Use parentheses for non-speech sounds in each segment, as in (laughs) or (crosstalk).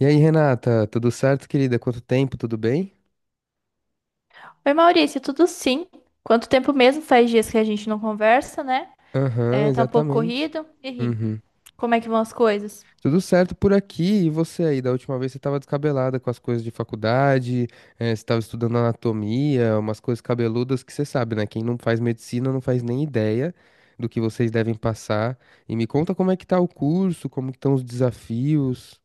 E aí, Renata, tudo certo, querida? Quanto tempo, tudo bem? Oi, Maurício, tudo sim? Quanto tempo mesmo? Faz dias que a gente não conversa, né? Aham, É, tá um pouco exatamente. corrido. E aí, Uhum. como é que vão as coisas? Tudo certo por aqui. E você aí? Da última vez você estava descabelada com as coisas de faculdade, você estava estudando anatomia, umas coisas cabeludas que você sabe, né? Quem não faz medicina não faz nem ideia do que vocês devem passar. E me conta como é que tá o curso, como que estão os desafios.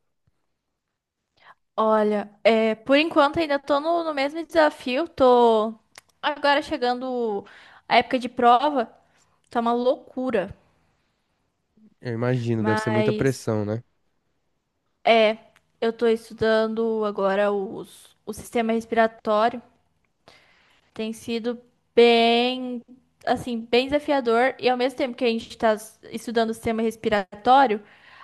Olha, é, por enquanto ainda tô no mesmo desafio. Tô agora chegando a época de prova, tá uma loucura. Eu imagino, deve ser muita Mas pressão, né? é, eu tô estudando agora o sistema respiratório. Tem sido bem, assim, bem desafiador e ao mesmo tempo que a gente está estudando o sistema respiratório,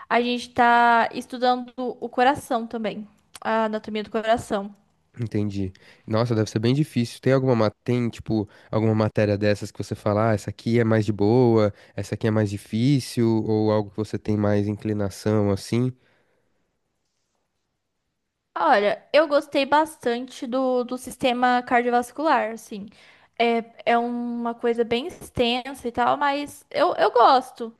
a gente está estudando o coração também, a anatomia do coração. Entendi. Nossa, deve ser bem difícil. Tem alguma, tem, tipo, alguma matéria dessas que você fala, ah, essa aqui é mais de boa, essa aqui é mais difícil, ou algo que você tem mais inclinação, assim? Olha, eu gostei bastante do sistema cardiovascular, assim. É, é uma coisa bem extensa e tal, mas eu gosto.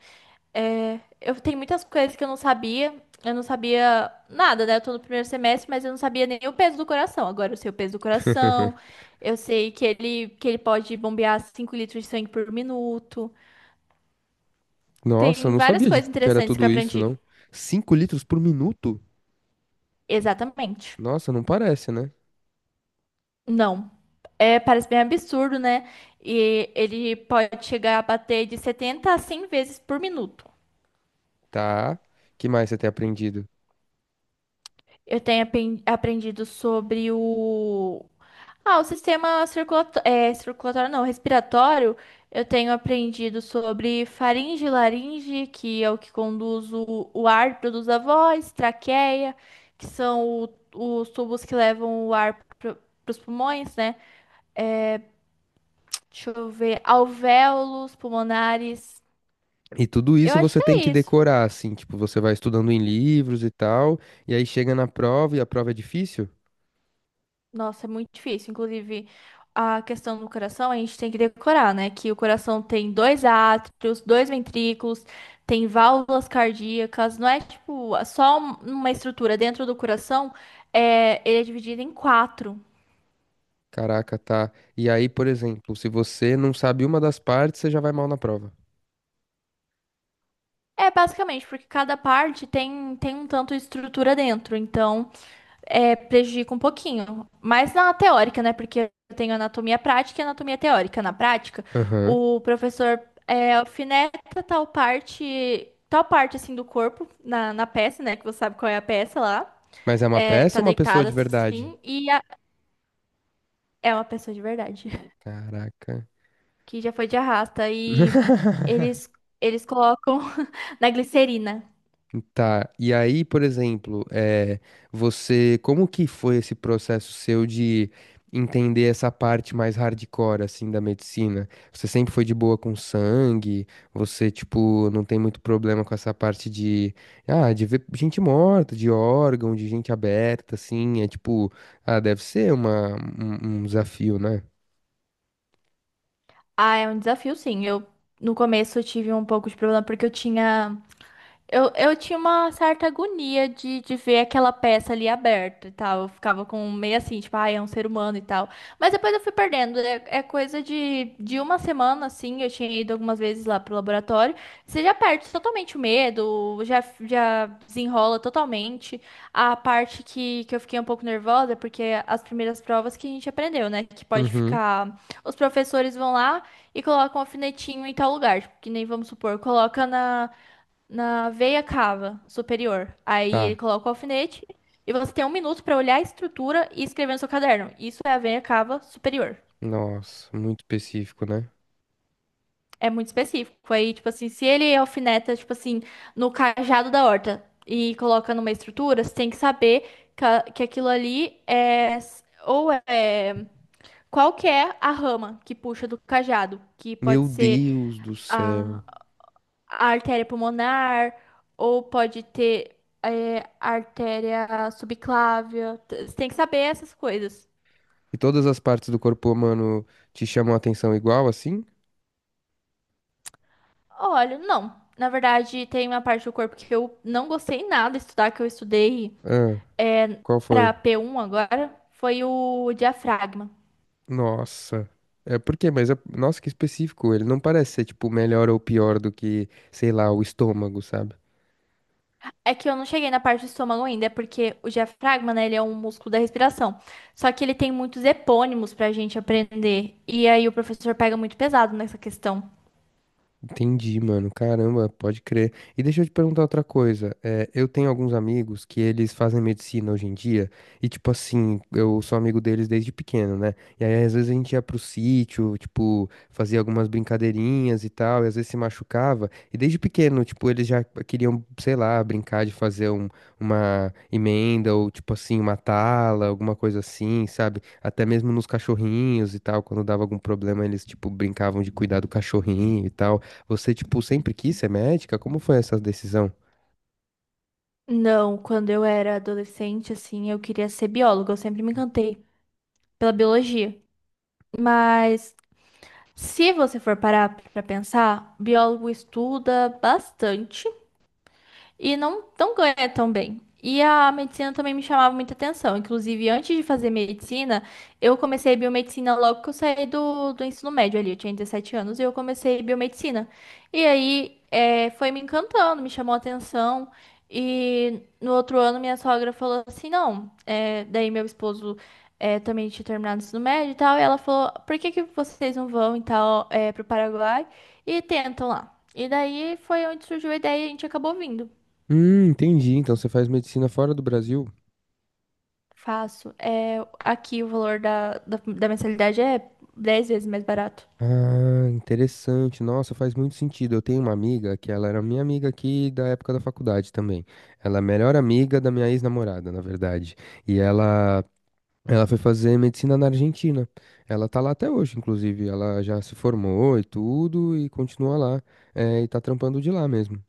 É, eu tenho muitas coisas que eu não sabia. Eu não sabia nada, né? Eu tô no primeiro semestre, mas eu não sabia nem o peso do coração. Agora eu sei o peso do coração. (laughs) Eu sei que ele pode bombear 5 litros de sangue por minuto. Nossa, eu Tem não várias sabia coisas que era interessantes que eu tudo isso, aprendi. não. 5 litros por minuto? Exatamente. Nossa, não parece, né? Não. É, parece bem absurdo, né? E ele pode chegar a bater de 70 a 100 vezes por minuto. Tá. Que mais você tem aprendido? Eu tenho aprendido sobre o Ah, o sistema circulatório, é, circulatório não, respiratório, eu tenho aprendido sobre faringe e laringe, que é o que conduz o ar, produz a voz, traqueia, que são os tubos que levam o ar para os pulmões, né? Deixa eu ver, alvéolos, pulmonares. E tudo Eu isso acho você que tem é que isso. decorar, assim, tipo, você vai estudando em livros e tal, e aí chega na prova e a prova é difícil? Nossa, é muito difícil. Inclusive, a questão do coração, a gente tem que decorar, né? Que o coração tem dois átrios, dois ventrículos, tem válvulas cardíacas. Não é tipo só uma estrutura dentro do coração, é, ele é dividido em quatro. Caraca, tá. E aí, por exemplo, se você não sabe uma das partes, você já vai mal na prova. É basicamente porque cada parte tem um tanto de estrutura dentro. Então, é, prejudica um pouquinho. Mas na teórica, né? Porque eu tenho anatomia prática e anatomia teórica. Na prática, Aham. o professor alfineta tal parte assim do corpo na peça, né? Que você sabe qual é a peça lá. Mas é uma É, tá peça ou uma pessoa deitada de verdade? assim e é uma pessoa de verdade Caraca. (laughs) que já foi de arrasta e (laughs) eles eles colocam (laughs) na glicerina. Tá, e aí, por exemplo, é, você, como que foi esse processo seu de entender essa parte mais hardcore, assim, da medicina? Você sempre foi de boa com sangue? Você, tipo, não tem muito problema com essa parte de, ah, de ver gente morta, de órgão, de gente aberta, assim, é tipo, ah, deve ser uma, um desafio, né? Ah, é um desafio, sim. Eu No começo eu tive um pouco de problema porque eu tinha uma certa agonia de ver aquela peça ali aberta e tal. Eu ficava com meio assim, tipo, ah, é um ser humano e tal. Mas depois eu fui perdendo. É coisa de uma semana, assim. Eu tinha ido algumas vezes lá pro laboratório. Você já perde totalmente o medo, já desenrola totalmente. A parte que eu fiquei um pouco nervosa, é porque as primeiras provas que a gente aprendeu, né? Que pode Uhum. ficar. Os professores vão lá e colocam um alfinetinho em tal lugar. Tipo, que nem vamos supor, coloca na veia cava superior. Aí ele Tá, coloca o alfinete e você tem um minuto para olhar a estrutura e escrever no seu caderno. Isso é a veia cava superior. nossa, muito específico, né? É muito específico. Aí, tipo assim, se ele alfineta, tipo assim, no cajado da horta e coloca numa estrutura, você tem que saber que aquilo ali é. Ou é. Qual que é a rama que puxa do cajado? Que pode Meu ser Deus do céu. a a artéria pulmonar, ou pode ter artéria subclávia. Você tem que saber essas coisas. E todas as partes do corpo humano te chamam a atenção igual assim? Olha, não. Na verdade, tem uma parte do corpo que eu não gostei nada de estudar, que eu estudei Ah, é, qual foi? para P1 agora, foi o diafragma. Nossa. É por quê? Mas nossa, que específico. Ele não parece ser tipo melhor ou pior do que, sei lá, o estômago, sabe? É que eu não cheguei na parte do estômago ainda, é porque o diafragma, né, ele é um músculo da respiração. Só que ele tem muitos epônimos pra gente aprender. E aí o professor pega muito pesado nessa questão. Entendi, mano. Caramba, pode crer. E deixa eu te perguntar outra coisa. É, eu tenho alguns amigos que eles fazem medicina hoje em dia, e tipo assim, eu sou amigo deles desde pequeno, né? E aí às vezes a gente ia pro sítio, tipo, fazia algumas brincadeirinhas e tal, e às vezes se machucava. E desde pequeno, tipo, eles já queriam, sei lá, brincar de fazer uma emenda ou tipo assim, uma tala, alguma coisa assim, sabe? Até mesmo nos cachorrinhos e tal, quando dava algum problema, eles tipo brincavam de cuidar do cachorrinho e tal. Você, tipo, sempre quis ser médica? Como foi essa decisão? Não, quando eu era adolescente, assim, eu queria ser bióloga. Eu sempre me encantei pela biologia. Mas se você for parar pra pensar, biólogo estuda bastante e não ganha tão bem. E a medicina também me chamava muita atenção. Inclusive, antes de fazer medicina, eu comecei biomedicina logo que eu saí do ensino médio ali. Eu tinha 17 anos e eu comecei biomedicina. E aí, foi me encantando, me chamou a atenção. E no outro ano, minha sogra falou assim: não, daí meu esposo também tinha terminado o ensino médio e tal, e ela falou, por que que vocês não vão e tal, pro Paraguai e tentam lá? E daí foi onde surgiu a ideia e a gente acabou vindo. Entendi. Então você faz medicina fora do Brasil? Faço. É, aqui o valor da mensalidade é 10 vezes mais barato. Ah, interessante. Nossa, faz muito sentido. Eu tenho uma amiga que ela era minha amiga aqui da época da faculdade também. Ela é a melhor amiga da minha ex-namorada, na verdade. E ela foi fazer medicina na Argentina. Ela tá lá até hoje, inclusive. Ela já se formou e tudo e continua lá. Eh, e tá trampando de lá mesmo.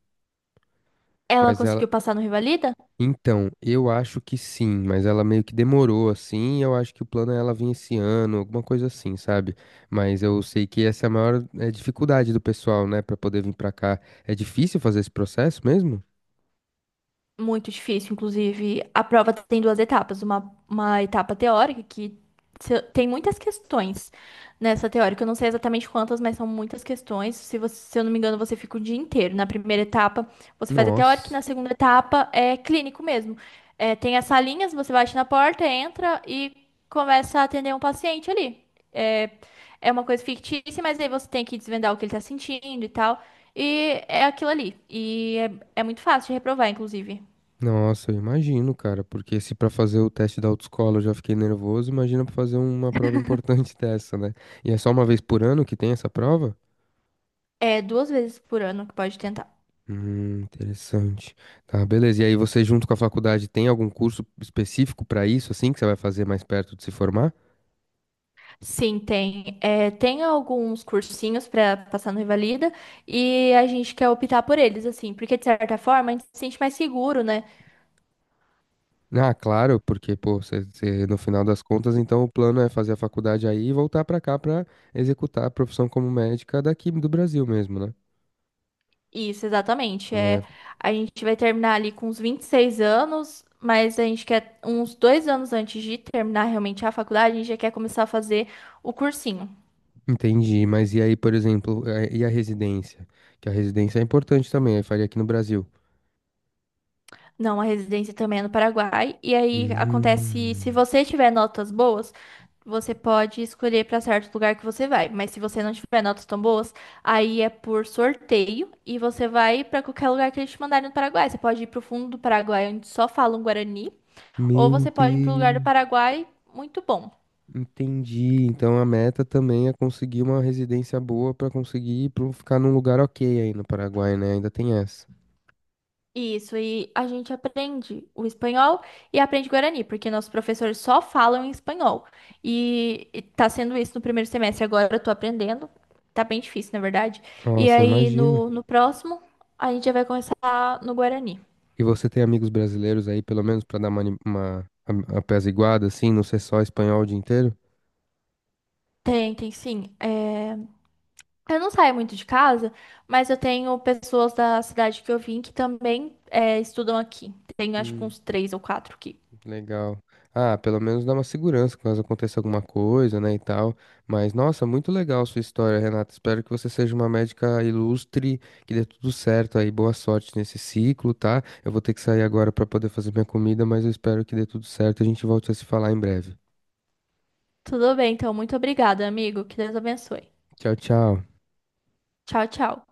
Ela Mas ela, conseguiu passar no Rivalida? então, eu acho que sim, mas ela meio que demorou assim, e eu acho que o plano é ela vir esse ano, alguma coisa assim, sabe? Mas eu sei que essa é a maior dificuldade do pessoal, né, pra poder vir pra cá. É difícil fazer esse processo mesmo? Muito difícil, inclusive. A prova tem duas etapas. Uma etapa teórica, que tem muitas questões nessa teórica. Eu não sei exatamente quantas, mas são muitas questões. Se eu não me engano, você fica o dia inteiro. Na primeira etapa, você faz a teórica, e Nossa, na segunda etapa é clínico mesmo. É, tem as salinhas, você bate na porta, entra e começa a atender um paciente ali. É, é uma coisa fictícia, mas aí você tem que desvendar o que ele tá sentindo e tal. E é aquilo ali. E é muito fácil de reprovar, inclusive. nossa, eu imagino, cara, porque se pra fazer o teste da autoescola eu já fiquei nervoso, imagina pra fazer uma prova importante (laughs) dessa, né? E é só uma vez por ano que tem essa prova? É 2 vezes por ano que pode tentar. Interessante. Tá, beleza. E aí você junto com a faculdade tem algum curso específico para isso, assim, que você vai fazer mais perto de se formar? Sim, tem. Tem alguns cursinhos para passar no Revalida e a gente quer optar por eles, assim, porque de certa forma a gente se sente mais seguro, né? Ah, claro, porque, pô, você, no final das contas, então o plano é fazer a faculdade aí e voltar para cá para executar a profissão como médica daqui do Brasil mesmo, né? Isso, exatamente. É, A gente vai terminar ali com uns 26 anos, mas a gente quer uns 2 anos antes de terminar realmente a faculdade, a gente já quer começar a fazer o cursinho. entendi. Mas e aí, por exemplo, é, e a residência? Que a residência é importante também, aí faria aqui no Brasil. Não, a residência também é no Paraguai. E aí acontece, se Hum, você tiver notas boas, você pode escolher para certo lugar que você vai. Mas se você não tiver notas tão boas, aí é por sorteio e você vai para qualquer lugar que eles te mandarem no Paraguai. Você pode ir para o fundo do Paraguai, onde só falam Guarani, ou meu você pode ir para um lugar do Deus. Paraguai muito bom. Entendi. Então a meta também é conseguir uma residência boa pra conseguir pra um, ficar num lugar ok aí no Paraguai, né? Ainda tem essa. Isso, e a gente aprende o espanhol e aprende guarani, porque nossos professores só falam em espanhol. E tá sendo isso no primeiro semestre, agora eu tô aprendendo. Tá bem difícil, na verdade. E Nossa, aí imagino. no próximo, a gente já vai começar no guarani. E você tem amigos brasileiros aí, pelo menos, pra dar uma, uma apesiguada, assim, não ser só espanhol o dia inteiro? Tem, tem sim. Eu não saio muito de casa, mas eu tenho pessoas da cidade que eu vim que também estudam aqui. Tenho acho que Hum. uns três ou quatro aqui. Legal. Ah, pelo menos dá uma segurança caso aconteça alguma coisa, né, e tal. Mas, nossa, muito legal a sua história, Renata. Espero que você seja uma médica ilustre, que dê tudo certo aí. Boa sorte nesse ciclo, tá? Eu vou ter que sair agora para poder fazer minha comida, mas eu espero que dê tudo certo. A gente volte a se falar em breve. Tudo bem, então, muito obrigada, amigo. Que Deus abençoe. Tchau, tchau. Tchau, tchau.